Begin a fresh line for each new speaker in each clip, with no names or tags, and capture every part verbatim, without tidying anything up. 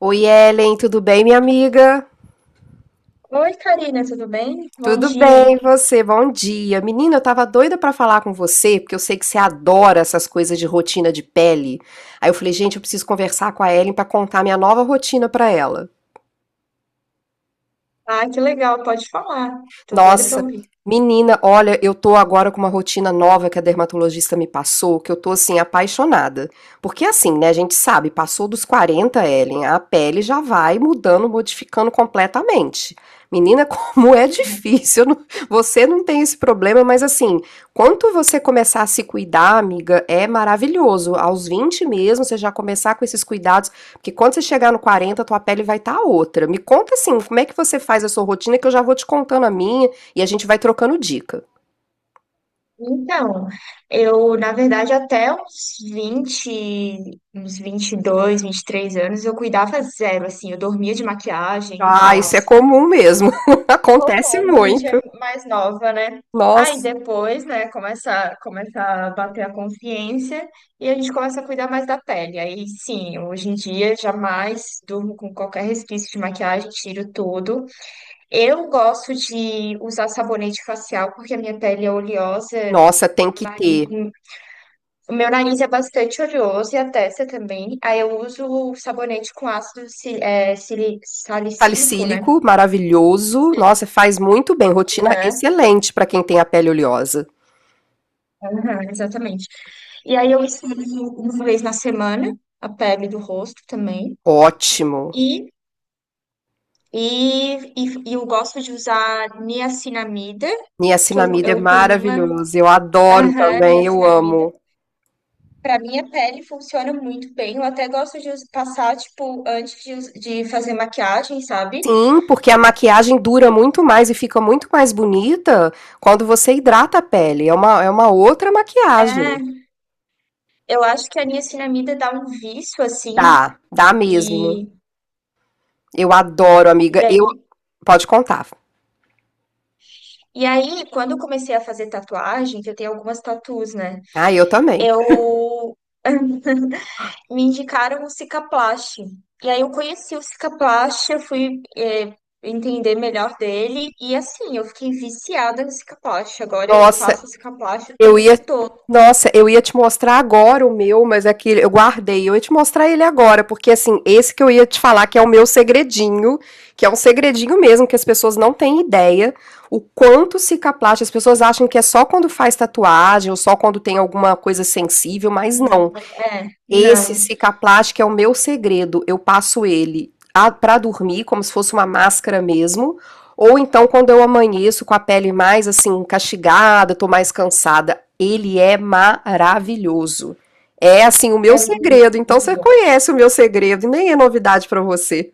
Oi, Ellen, tudo bem, minha amiga?
Oi, Karina, tudo bem? Bom
Tudo
dia.
bem, e você? Bom dia. Menina, eu tava doida pra falar com você, porque eu sei que você adora essas coisas de rotina de pele. Aí eu falei, gente, eu preciso conversar com a Ellen pra contar minha nova rotina pra ela.
Ah, que legal, pode falar. Tô doida para
Nossa,
ouvir.
menina, olha, eu tô agora com uma rotina nova que a dermatologista me passou, que eu tô assim apaixonada. Porque assim, né, a gente sabe, passou dos quarenta, Ellen, a pele já vai mudando, modificando completamente. Menina, como é
Uhum.
difícil. Eu não- Você não tem esse problema, mas assim, quanto você começar a se cuidar, amiga, é maravilhoso. Aos vinte mesmo, você já começar com esses cuidados, porque quando você chegar no quarenta tua pele vai estar tá outra. Me conta assim, como é que você faz a sua rotina, que eu já vou te contando a minha e a gente vai trocando dica.
Então, eu, na verdade, até uns vinte, uns vinte e dois, três anos, eu cuidava zero, assim, eu dormia de maquiagem, um
Ah, isso é
caos.
comum mesmo.
Como
Acontece
é quando a gente é
muito.
mais nova, né? Aí
Nossa,
depois, né, começa, começa a bater a consciência e a gente começa a cuidar mais da pele. Aí sim, hoje em dia jamais durmo com qualquer resquício de maquiagem, tiro tudo. Eu gosto de usar sabonete facial porque a minha pele é oleosa,
nossa, tem
meu
que
nariz,
ter
o meu nariz é bastante oleoso e a testa também. Aí eu uso o sabonete com ácido si- é, sili- salicílico, né?
salicílico. Maravilhoso. Nossa, faz muito bem. Rotina
Aham,
excelente para quem tem a pele oleosa.
aham, exatamente. E aí eu esfrego uma vez na semana a pele do rosto também.
Ótimo.
E, e, e, e eu gosto de usar niacinamida, que eu,
Niacinamida é
eu tenho uma.
maravilhoso. Eu adoro
Aham,
também, eu
niacinamida.
amo.
Para minha pele funciona muito bem. Eu até gosto de us- passar, tipo, antes de, us- de fazer maquiagem, sabe?
Sim, porque a maquiagem dura muito mais e fica muito mais bonita quando você hidrata a pele. É uma, é uma outra maquiagem.
É, eu acho que a niacinamida dá um vício, assim,
Dá, dá mesmo.
e,
Eu adoro,
e
amiga. Eu,
aí.
pode contar.
E aí, quando eu comecei a fazer tatuagem, que eu tenho algumas tatus, né?
Ah, eu também.
Eu me indicaram o Cicaplast. E aí eu conheci o Cicaplast, eu fui eh, entender melhor dele. E assim, eu fiquei viciada no Cicaplast. Agora eu
Nossa,
passo o Cicaplast o
Eu
tempo.
ia. Nossa, eu ia te mostrar agora o meu, mas é que eu guardei. Eu ia te mostrar ele agora, porque assim, esse que eu ia te falar que é o meu segredinho, que é um segredinho mesmo, que as pessoas não têm ideia o quanto cicaplast, as pessoas acham que é só quando faz tatuagem ou só quando tem alguma coisa sensível, mas
Hum.
não.
É,
Esse
não,
Cicaplast é o meu segredo. Eu passo ele a- pra dormir, como se fosse uma máscara mesmo. Ou então, quando eu amanheço com a pele mais assim, castigada, tô mais cansada. Ele é maravilhoso. É assim, o meu
é
segredo. Então,
muito
você
bom.
conhece o meu segredo e nem é novidade pra você.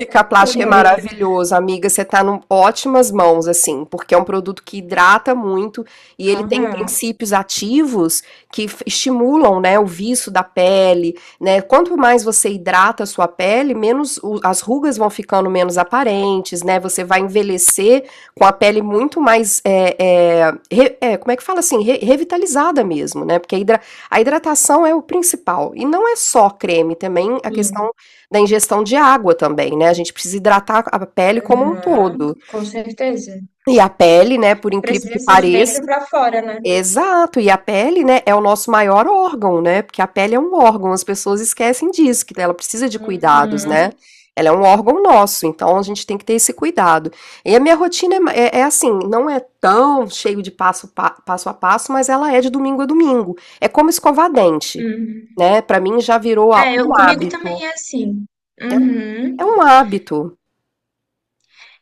Ficar plástico é
Conheço.
maravilhoso, amiga, você tá num ótimas mãos, assim, porque é um produto que hidrata muito e ele tem
Aham,
princípios ativos que f estimulam, né, o viço da pele, né, quanto mais você hidrata a sua pele, menos o as rugas vão ficando menos aparentes, né, você vai envelhecer com a pele muito mais, eh eh, re eh, como é que fala assim? Re Revitalizada mesmo, né, porque a hidra a hidratação é o principal, e não é só creme, também a
sim,
questão da ingestão de água também, né? A gente precisa hidratar a pele como um
aham,
todo.
com certeza.
E a pele, né, por incrível
Precisa
que
ser de
pareça,
dentro pra fora, né?
exato, e a pele, né, é o nosso maior órgão, né? Porque a pele é um órgão, as pessoas esquecem disso, que ela precisa de cuidados, né?
Uhum,
Ela é um órgão nosso, então a gente tem que ter esse cuidado. E a minha rotina é, é é assim, não é tão cheio de passo, pa, passo a passo, mas ela é de domingo a domingo. É como escovar dente,
uhum.
né? Para mim já virou a-
É,
um
eu, comigo também
hábito.
é assim. Uhum.
É um hábito.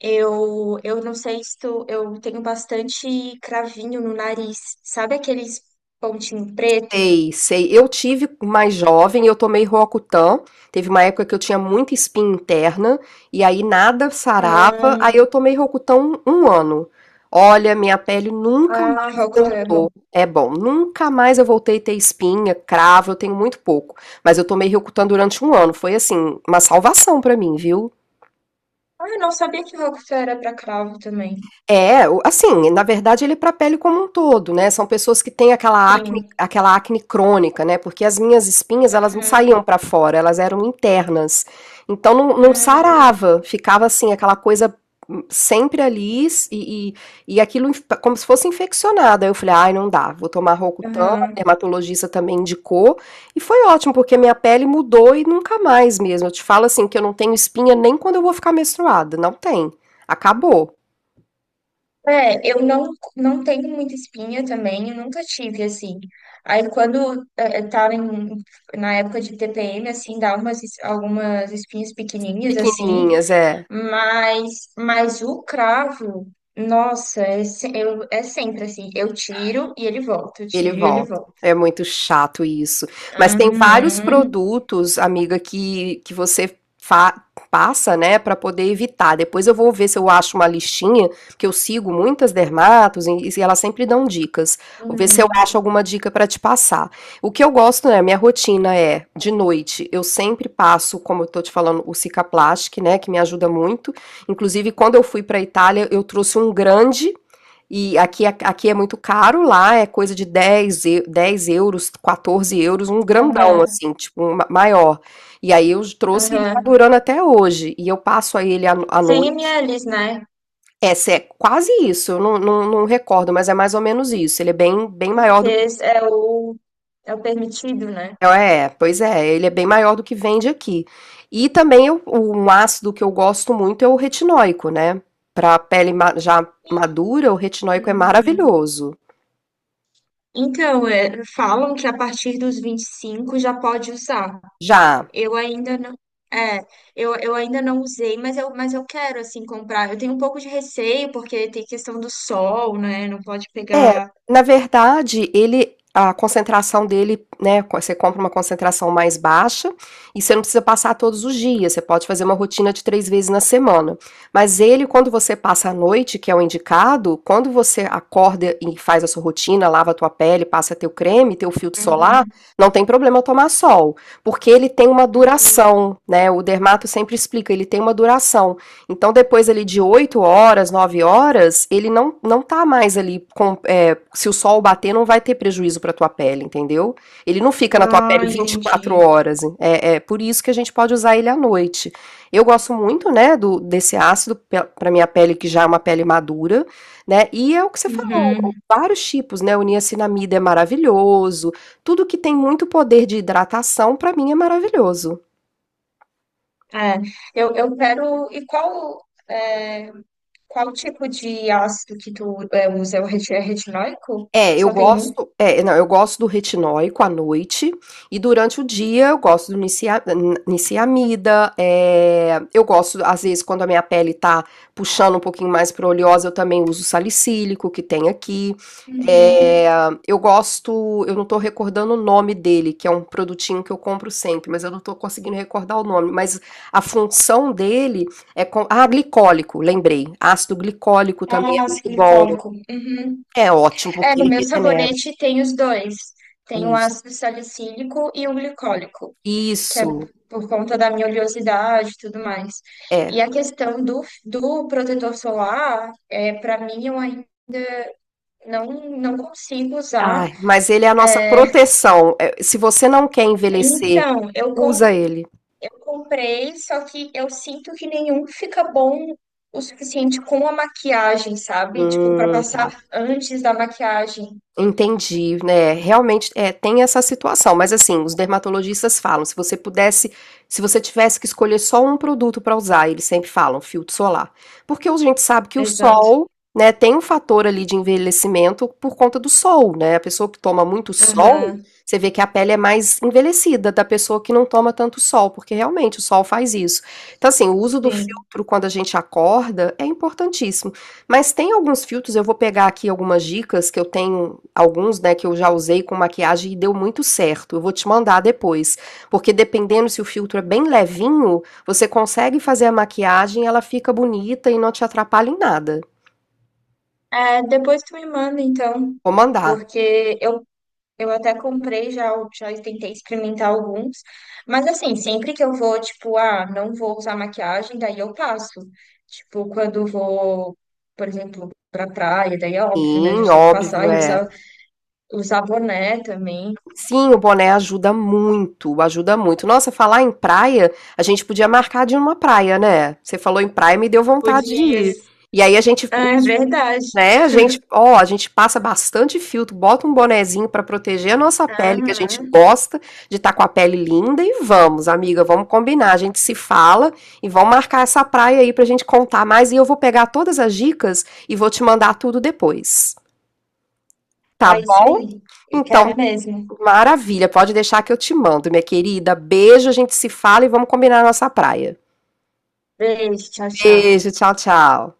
Eu, eu não sei se tu, eu tenho bastante cravinho no nariz. Sabe aqueles pontinho preto?
Sei, sei. Eu tive mais jovem, eu tomei Roacutan, teve uma época que eu tinha muita espinha interna, e aí nada sarava, aí
Ah,
eu tomei Roacutan um ano. Olha, minha pele nunca
ah,
mais
Rocto é
voltou.
bom.
É bom, nunca mais eu voltei a ter espinha, cravo, eu tenho muito pouco. Mas eu tomei Roacutan durante um ano, foi assim, uma salvação pra mim, viu?
Ah, eu não sabia que Rocto era pra cravo também.
É, o assim, na verdade ele é para a pele como um todo, né, são pessoas que têm aquela acne
Sim.
aquela acne crônica, né, porque as minhas espinhas elas não
Hum,
saíam para fora, elas eram internas, então não não
hum,
sarava, ficava assim aquela coisa, hum, sempre ali s e e e aquilo inf como se fosse infeccionado, aí eu falei: "Ai não dá, vou tomar Rocutan", a
aham.
dermatologista também indicou, e foi ótimo porque minha pele mudou e nunca mais mesmo, eu te falo assim que eu não tenho espinha nem quando eu vou ficar menstruada, não tem, acabou.
É, eu não, não tenho muita espinha também, eu nunca tive, assim. Aí quando eh, eu tava em, na época de T P M, assim, dá umas, es- algumas espinhas pequenininhas, assim,
Pequenininhas, é.
mas, mas o cravo, nossa, é, se- eu, é sempre assim, eu tiro e ele volta, eu tiro
Ele
e ele
volta.
volta.
É muito chato isso. Mas tem vários
Uhum,
produtos, amiga, que, que você fa- passa, né, pra poder evitar. Depois eu vou ver se eu acho uma listinha, porque eu sigo muitas dermatos e, e elas sempre dão dicas. Vou ver se eu
uhum,
acho alguma dica pra te passar. O que eu gosto, né, minha rotina é de noite, eu sempre passo, como eu tô te falando, o Cicaplastic, né, que me ajuda muito. Inclusive, quando eu fui pra Itália, eu trouxe um grande. E aqui, é- aqui é muito caro, lá é coisa de dez eu- dez euros, quatorze euros, um grandão,
aham,
assim, tipo, um ma- maior. E aí eu trouxe e ele tá
aham.
durando até hoje. E eu passo aí ele à no- à
100
noite.
ml, né?
É, é quase isso, eu não, não, não recordo, mas é mais ou menos isso. Ele é bem, bem maior
Porque
do que.
é o, é o permitido, né?
É, é, pois é, ele é bem maior do que vende aqui. E também eu- um ácido que eu gosto muito é o retinóico, né? Pra pele ma- já madura, o retinóico é
Uhum.
maravilhoso.
Então, é, falam que a partir dos vinte e cinco já pode usar.
Já.
Eu ainda não, é, eu, eu ainda não usei, mas eu, mas eu quero, assim, comprar. Eu tenho um pouco de receio, porque tem questão do sol, né? Não pode pegar.
Na verdade, ele a concentração dele, né, você compra uma concentração mais baixa e você não precisa passar todos os dias, você pode fazer uma rotina de três vezes na semana. Mas ele, quando você passa a noite, que é o indicado, quando você acorda e faz a sua rotina, lava a tua pele, passa teu creme, teu filtro solar,
Uhum.
não tem problema tomar sol, porque ele tem uma
Hum.
duração, né? O dermato sempre explica, ele tem uma duração. Então, depois ali de oito horas, nove horas, ele não, não tá mais ali com, olha, se o sol bater, não vai ter prejuízo para tua pele, entendeu? Ele não fica na tua
Ah,
pele vinte e quatro
entendi.
horas. É, é por isso que a gente pode usar ele à noite. Eu gosto muito, né, do, desse ácido para minha pele, que já é uma pele madura, né? E é o que você falou,
Uhum.
vários tipos, né? O niacinamida é maravilhoso. Tudo que tem muito poder de hidratação, para mim, é maravilhoso.
É, eu, eu quero. E qual, é, qual tipo de ácido que tu é, usa? É o reti- é retinóico?
É, eu
Só tem um?
gosto, é, não, eu gosto do retinóico à noite e durante o dia eu gosto do nicia- n- niciamida, é, eu gosto, às vezes, quando a minha pele tá puxando um pouquinho mais para oleosa, eu também uso salicílico que tem aqui. É,
Uhum.
eu gosto, eu não tô recordando o nome dele, que é um produtinho que eu compro sempre, mas eu não tô conseguindo recordar o nome, mas a função dele é com, ah, glicólico, lembrei, ácido glicólico também é
Ah,
muito bom.
silicólico. Uhum.
É ótimo,
É,
porque
no
ele
meu
regenera.
sabonete tem os dois. Tem o
Isso,
ácido salicílico e o glicólico, que é
isso,
por conta da minha oleosidade e tudo mais.
é.
E a questão do, do protetor solar, é, para mim, eu ainda não, não consigo usar.
Ai, mas ele é a nossa proteção. É, se você não quer envelhecer,
Então, eu, com,
usa ele.
eu comprei, só que eu sinto que nenhum fica bom o suficiente com a maquiagem, sabe? Tipo, para
Hum,
passar
tá.
antes da maquiagem.
Entendi, né, realmente, é, tem essa situação, mas assim, os dermatologistas falam, se você pudesse se você tivesse que escolher só um produto para usar, eles sempre falam: "Filtro solar". Porque a gente sabe que o
Exato.
sol, né, tem um fator ali de envelhecimento por conta do sol, né, a pessoa que toma muito sol,
Aham.
você vê que a pele é mais envelhecida da pessoa que não toma tanto sol, porque realmente o sol faz isso. Então assim, o uso do
Sim.
filtro quando a gente acorda é importantíssimo. Mas tem alguns filtros, eu vou pegar aqui algumas dicas que eu tenho, alguns, né, que eu já usei com maquiagem e deu muito certo. Eu vou te mandar depois, porque dependendo se o filtro é bem levinho, você consegue fazer a maquiagem, ela fica bonita e não te atrapalha em nada.
É, depois tu me manda, então,
Vou mandar.
porque eu, eu até comprei já, o- já tentei experimentar alguns, mas assim, sempre que eu vou, tipo, ah, não vou usar maquiagem, daí eu passo. Tipo, quando vou, por exemplo, pra praia, daí é óbvio, né? A
Sim,
gente tem que
óbvio,
passar e
é.
usar, usar boné também.
Sim, o boné ajuda muito, ajuda muito. Nossa, falar em praia, a gente podia marcar de ir numa praia, né? Você falou em praia, me deu
Por
vontade de ir.
dias.
E aí a gente
Ah, é verdade.
Né, a gente ó, a gente passa bastante filtro, bota um bonezinho para proteger a nossa pele, que a gente
Aham.
gosta de estar com a pele linda, e vamos, amiga, vamos combinar, a gente se fala e vamos marcar essa praia aí pra gente contar mais e eu vou pegar todas as dicas e vou te mandar tudo depois, tá
Ah, isso
bom?
aí. Eu quero
Então,
mesmo.
maravilha, pode deixar que eu te mando, minha querida. Beijo, a gente se fala e vamos combinar a nossa praia.
Beijo, tchau, tchau.
Beijo, tchau, tchau.